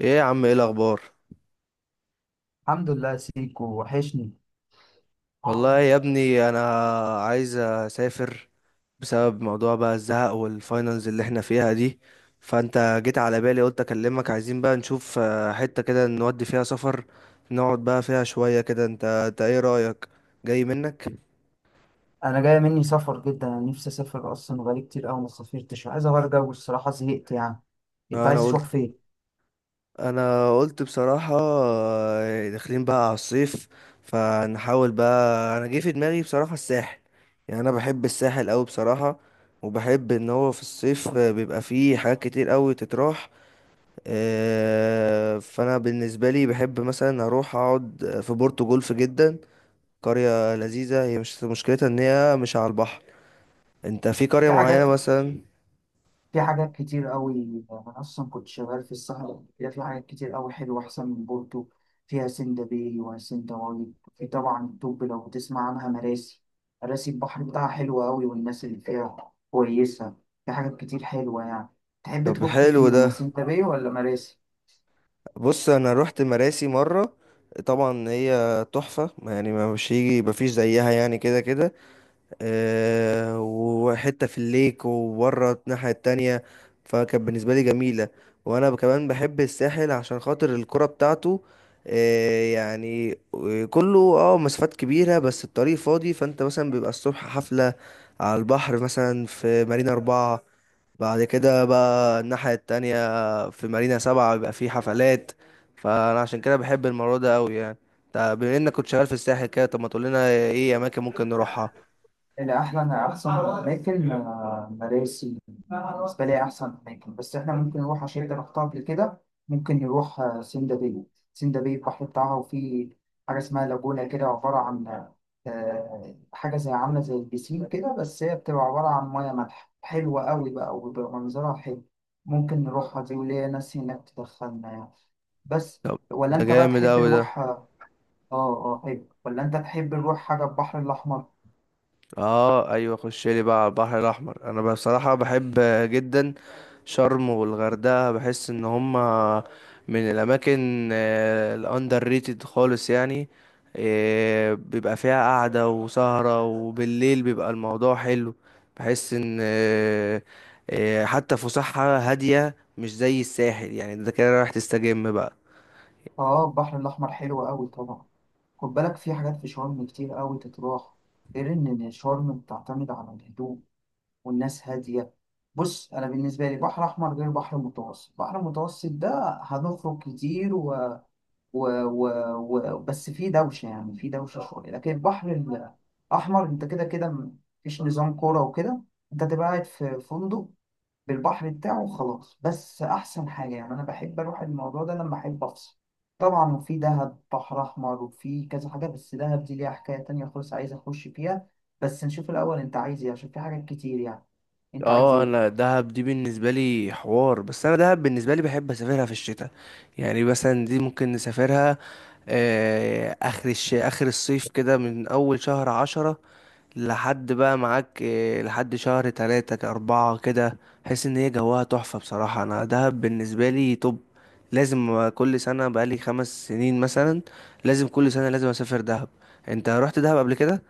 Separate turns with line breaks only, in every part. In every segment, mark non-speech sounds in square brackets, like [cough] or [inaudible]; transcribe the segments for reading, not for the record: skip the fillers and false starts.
ايه يا عم، ايه الاخبار؟
الحمد لله، سيكو وحشني.
والله يا ابني انا عايز اسافر بسبب موضوع بقى الزهق والفاينلز اللي احنا فيها دي. فانت جيت على بالي، قلت اكلمك. عايزين بقى نشوف حتة كده نودي فيها سفر، نقعد بقى فيها شوية كده. انت ايه رأيك؟ جاي منك؟
انا جايه مني سفر جدا. انا نفسي اسافر اصلا، بقالي كتير قوي ما سافرتش، عايز اغير جو الصراحه، زهقت يعني. انت
انا
عايز تروح
قلت
فين؟
انا قلت بصراحة، داخلين بقى على الصيف، فنحاول بقى. انا جه في دماغي بصراحة الساحل، يعني انا بحب الساحل قوي بصراحة. وبحب ان هو في الصيف بيبقى فيه حاجات كتير قوي تتراح. فانا بالنسبة لي بحب مثلا اروح اقعد في بورتو جولف جدا. قرية لذيذة، هي مش مشكلتها ان هي مش على البحر. انت في قرية
في
معينة
حاجات،
مثلا؟
في حاجات كتير قوي. انا اصلا كنت شغال في الصحراء قبل كده، في حاجات كتير قوي حلوه احسن من بورتو. فيها سندا باي وسندا وادي، في طبعا الطب لو بتسمع عنها مراسي. مراسي البحر بتاعها حلو قوي، والناس اللي فيها كويسه. في حاجات كتير حلوه يعني. تحب
طب
تروح
حلو
فيه وما
ده.
سندا باي ولا مراسي؟
بص، انا رحت مراسي مره، طبعا هي تحفه يعني، ما مش هيجي ما فيش زيها يعني كده كده. أه، وحته في الليك وبره الناحيه التانية، فكانت بالنسبه لي جميله. وانا كمان بحب الساحل عشان خاطر الكرة بتاعته. أه يعني، كله اه مسافات كبيره بس الطريق فاضي، فانت مثلا بيبقى الصبح حفله على البحر مثلا في مارينا أربعة، بعد كده بقى الناحية التانية في مارينا سبعة بيبقى في حفلات. فأنا عشان كده بحب الموضوع ده أوي يعني. طب بما إنك كنت شغال في الساحل كده، طب ما تقولنا إيه أماكن ممكن نروحها؟
اللي أحلى، انا أحسن أماكن مراسي بالنسبة لي أحسن أماكن. بس إحنا ممكن نروح، عشان أنت رحتها قبل كده، ممكن نروح سندا باي. سندا باي البحر بتاعها، وفي حاجة اسمها لاجونا، كده عبارة عن حاجة زي، عاملة زي البسين كده، بس هي بتبقى عبارة عن مياه مالحة حلوة أوي بقى، وبيبقى منظرها حلو. ممكن نروحها دي، وليا ناس هناك تدخلنا يعني. بس
طب
ولا
ده
انت بقى
جامد
تحب
أوي ده.
نروح؟ اه. اه حلو، ولا انت تحب نروح حاجة البحر الأحمر؟
اه ايوه، خش لي بقى على البحر الاحمر. انا بصراحه بحب جدا شرم والغردقه، بحس ان هما من الاماكن الاندر ريتد خالص يعني. بيبقى فيها قعده وسهره، وبالليل بيبقى الموضوع حلو. بحس ان حتى فسحه هاديه مش زي الساحل يعني، ده كده رايح تستجم بقى.
اه البحر الأحمر حلو أوي طبعا. خد بالك، في حاجات في شرم كتير أوي تتراح، غير إن شرم بتعتمد على الهدوء والناس هادية. بص، أنا بالنسبة لي بحر أحمر غير بحر متوسط. بحر متوسط ده هنخرج كتير و... و... بس في دوشة، يعني في دوشة شوية. لكن البحر الأحمر، أنت كده كده مفيش نظام كورة وكده، أنت تبقى قاعد في فندق بالبحر بتاعه خلاص. بس احسن حاجه يعني، انا بحب اروح الموضوع ده لما احب افصل طبعا. وفي دهب بحر احمر، وفي كذا حاجه، بس دهب دي ليها حكايه تانية خالص عايز اخش فيها. بس نشوف الاول انت عايز ايه، عشان في حاجات كتير يعني. انت عايز
اه،
ايه؟
انا دهب دي بالنسبه لي حوار، بس انا دهب بالنسبه لي بحب اسافرها في الشتاء. يعني مثلا دي ممكن نسافرها اخر الصيف كده، من اول شهر عشرة لحد بقى معاك لحد شهر تلاتة اربعة كده. حس ان هي جواها تحفة بصراحة. انا دهب بالنسبة لي، طب لازم كل سنة، بقالي خمس سنين مثلا لازم كل سنة لازم اسافر دهب. انت رحت دهب قبل كده؟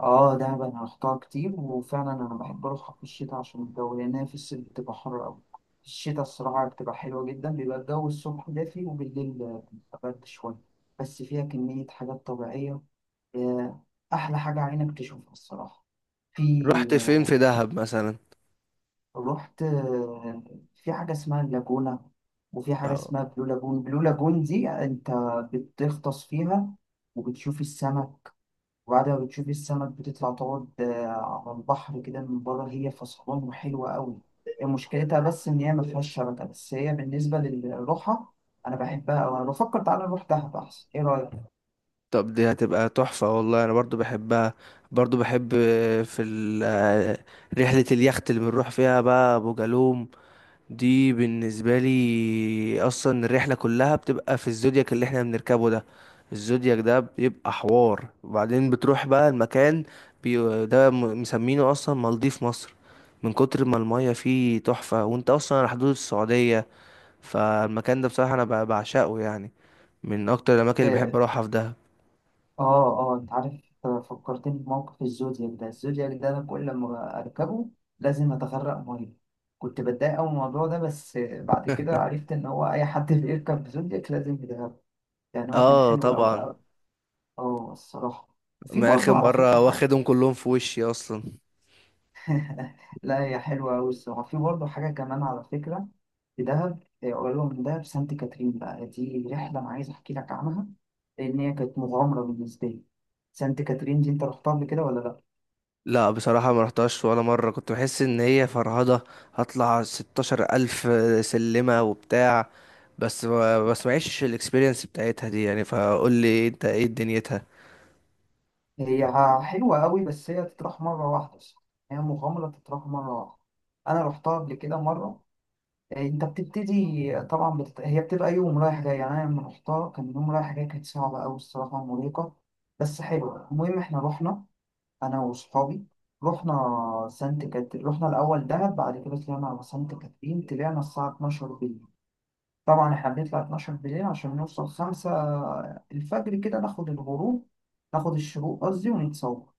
اه دهب انا رحتها كتير، وفعلا انا بحب اروحها في الشتاء عشان الجو، لان هي في الصيف بتبقى حر قوي. في الشتاء الصراحه بتبقى حلوه جدا، بيبقى الجو الصبح دافي، وبالليل بيبقى برد شويه. بس فيها كميه حاجات طبيعيه، آه، أحلى حاجة عينك تشوفها الصراحة. في
رحت فين
آه،
في دهب مثلا؟
رحت آه، في حاجة اسمها اللاجونة، وفي حاجة اسمها بلو لاجون. بلو لاجون دي أنت بتغطس فيها وبتشوف السمك، وبعد ما بتشوف السمك بتطلع تقعد على البحر كده من بره، هي فصلان وحلوة أوي. مشكلتها بس إن هي مفيهاش شبكة، بس هي بالنسبة للروحة أنا بحبها أوي. أنا بفكر تعالى نروح دهب أحسن، إيه رأيك؟
طب دي هتبقى تحفة والله. أنا برضو بحبها، برضو بحب في ال- رحلة اليخت اللي بنروح فيها بقى أبو جالوم. دي بالنسبة لي أصلا الرحلة كلها بتبقى في الزودياك اللي احنا بنركبه ده. الزودياك ده بيبقى حوار، وبعدين بتروح بقى المكان. ده مسمينه أصلا مالديف مصر من كتر ما المية فيه تحفة، وانت أصلا على حدود السعودية. فالمكان ده بصراحة أنا بعشقه يعني، من أكتر الأماكن اللي
آه،
بحب أروحها في دهب.
اه اه انت عارف، فكرتني بموقف الزودياك ده. الزودياك ده انا كل ما اركبه لازم اتغرق ميه. كنت بتضايق قوي من الموضوع ده، بس بعد كده
[laughs]
عرفت ان هو اي حد [laughs] بيركب زودياك لازم يتغرق. يعني هو كان
اه
حلو قوي
طبعا.
قوي. اه الصراحه. وفي
انا
برضه
اخر
على فكره
مره
حاجه.
واخدهم كلهم في وشي اصلا.
[laughs] لا، هي حلوه قوي الصراحه. في برضه حاجه كمان على فكره، في دهب، قريبه من دهب سانت كاترين بقى، دي رحله انا عايز احكي لك عنها، لان هي كانت مغامره بالنسبه لي. سانت كاترين دي انت رحتها قبل كده ولا لا؟
لا بصراحه ما رحتهاش ولا مره، كنت بحس ان هي فرهضه، هطلع 16,000 سلمه وبتاع، بس ما بس معيش الاكسبيرينس بتاعتها دي يعني. فقول لي انت ايه دنيتها.
هي حلوة قوي، بس هي تتراح مرة واحدة صح؟ هي مغامرة تتراح مرة واحدة. أنا رحتها قبل كده مرة. إيه، أنت بتبتدي طبعا هي بتبقى يوم رايح جاي. يعني أنا لما رحتها كان يوم رايح جاي، كانت صعبة أوي الصراحة، مرهقة بس حلوة. المهم إحنا رحنا، أنا وصحابي، رحنا سانت كاترين. رحنا الأول دهب، بعد كده طلعنا على سانت كاترين. طلعنا الساعة 12 بالليل. طبعا إحنا بنطلع 12 بالليل عشان نوصل 5 الفجر كده، ناخد الغروب، ناخد الشروق قصدي، ونتصور.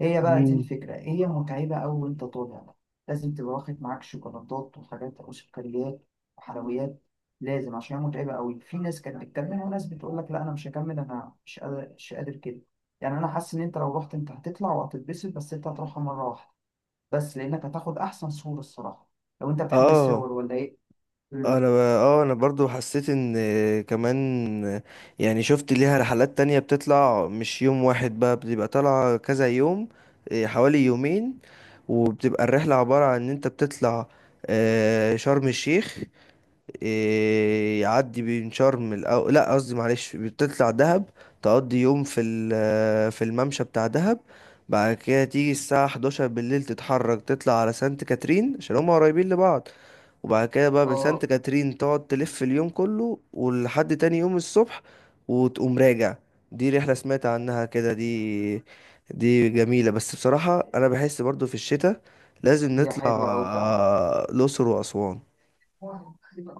هي بقى دي
مم.
الفكرة، هي متعبة أوي وأنت طالع بقى. لازم تبقى واخد معاك شوكولاتات وحاجات وسكريات وحلويات، لازم، عشان هي متعبة أوي. في ناس كانت بتكمل، وناس بتقول لك لا أنا مش هكمل، أنا مش قادر، كده. يعني أنا حاسس إن أنت لو رحت أنت هتطلع وهتتبسط، بس أنت هتروحها مرة واحدة، بس لأنك هتاخد أحسن صورة الصراحة. لو أنت بتحب
اه
الصور ولا إيه؟
انا
مم.
انا برضو حسيت ان كمان، يعني شفت ليها رحلات تانية بتطلع مش يوم واحد بقى، بتبقى طالعة كذا يوم، إيه، حوالي يومين. وبتبقى الرحلة عبارة عن ان انت بتطلع شرم الشيخ، إيه، يعدي بين لا قصدي معلش، بتطلع دهب، تقضي يوم في في الممشى بتاع دهب. بعد كده تيجي الساعة 11 بالليل تتحرك تطلع على سانت كاترين عشان هما قريبين لبعض. وبعد كده بقى من سانت
آه
كاترين تقعد تلف اليوم كله ولحد تاني يوم الصبح، وتقوم راجع. دي رحلة سمعت عنها كده دي. دي جميلة. بس بصراحة أنا بحس برضو في الشتاء لازم
هي
نطلع
حلوة أوي فعلا.
الأقصر وأسوان.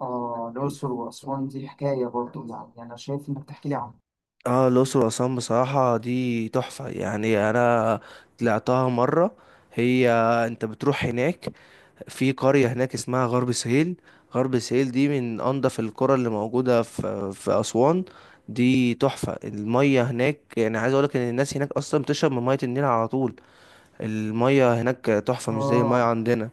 آه الأقصر وأسوان دي حكاية برضه، يعني أنا شايف إنك تحكي لي عنها.
اه الأقصر وأسوان بصراحة دي تحفة يعني. أنا طلعتها مرة. هي، أنت بتروح هناك في قرية هناك اسمها غرب سهيل. غرب سهيل دي من أنضف القرى اللي موجودة في أسوان. دي تحفة، المية هناك يعني عايز أقولك إن الناس هناك أصلا بتشرب من مية النيل على طول. المية هناك تحفة مش زي المية
آه
عندنا.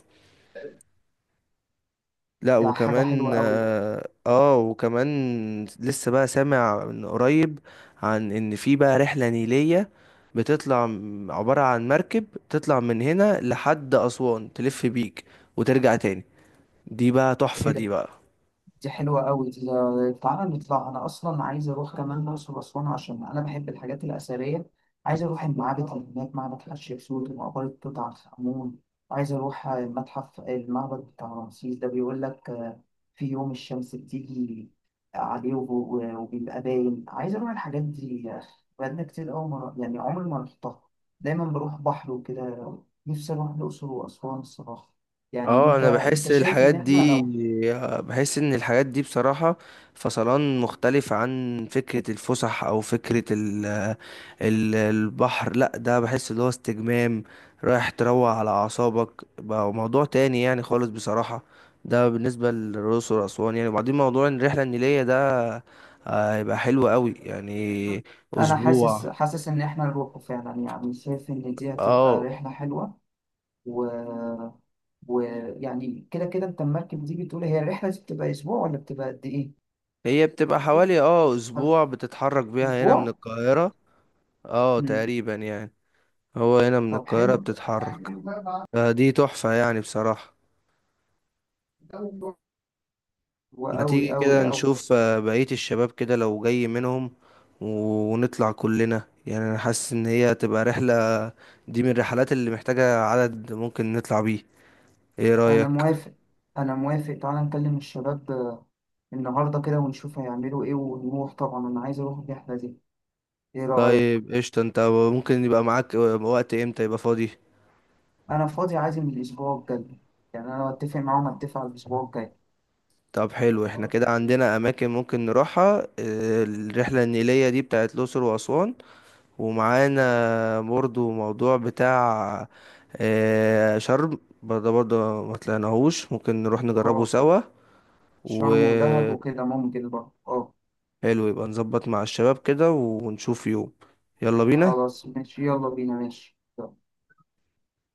لا
ده حاجة
وكمان
حلوة أوي.
وكمان لسه بقى سامع من قريب عن ان في بقى رحلة نيلية بتطلع عبارة عن مركب، تطلع من هنا لحد أسوان، تلف بيك وترجع تاني. دي بقى
إيه
تحفة دي
ده،
بقى.
دي حلوة قوي. تعالى نطلع، أنا أصلا عايز أروح كمان الأقصر وأسوان عشان أنا بحب الحاجات الأثرية. عايز أروح المعابد اللي هناك، معبد حتشبسوت ومقبرة توت عنخ آمون، وعايز أروح المتحف، المعبد بتاع رمسيس ده بيقول لك في يوم الشمس بتيجي عليه وبيبقى باين. عايز أروح الحاجات دي يا أخي، بقالنا كتير أوي مرة، يعني عمري ما رحتها، دايما بروح بحر وكده. نفسي أروح الأقصر وأسوان الصراحة. يعني
اه
أنت
انا
أنت
بحس
شايف
الحاجات
إن إحنا
دي،
لو
بحس ان الحاجات دي بصراحة فصلان، مختلف عن فكرة الفسح او فكرة ال البحر. لا ده بحس اللي هو استجمام، رايح تروق على اعصابك بقى، موضوع تاني يعني خالص بصراحة. ده بالنسبة للرؤوس واسوان يعني. وبعدين موضوع الرحلة النيلية ده هيبقى حلو قوي يعني،
انا حاسس،
اسبوع.
ان احنا نروحه فعلا، يعني شايف ان دي هتبقى
اه
رحله حلوه. و ويعني كده كده انت المركب دي بتقول هي الرحله دي بتبقى اسبوع ولا بتبقى قد ايه؟
هي بتبقى حوالي اه اسبوع، بتتحرك بيها هنا من
اسبوع؟
القاهرة. اه
مم.
تقريبا يعني. هو هنا من
طب
القاهرة
حلو.
بتتحرك. فدي تحفة يعني بصراحة. ما تيجي
وأوي أوي
كده
أوي.
نشوف بقية الشباب كده لو جاي منهم، ونطلع كلنا. يعني أنا حاسس إن هي تبقى رحلة، دي من الرحلات اللي محتاجة عدد ممكن نطلع بيه. إيه
أنا
رأيك؟
موافق أنا موافق تعالى نكلم الشباب النهاردة كده ونشوف هيعملوا إيه، ونروح طبعا، أنا عايز أروح الرحلة دي، إيه رأيك؟
طيب قشطة. أنت ممكن يبقى معاك وقت إمتى يبقى فاضي؟
أنا فاضي، عايز من الأسبوع الجاي. يعني أنا أتفق معاهم، أتفق على الأسبوع الجاي.
طب حلو، احنا كده عندنا أماكن ممكن نروحها. الرحلة النيلية دي بتاعت الأقصر وأسوان، ومعانا برضو موضوع بتاع شرم برضه. ما طلعناهوش، ممكن نروح نجربه
اه
سوا.
شرم ودهب
وحلو.
وكده ممكن برضه اه.
يبقى نظبط مع الشباب كده ونشوف يوم. يلا بينا.
خلاص ماشي، يلا بينا ماشي.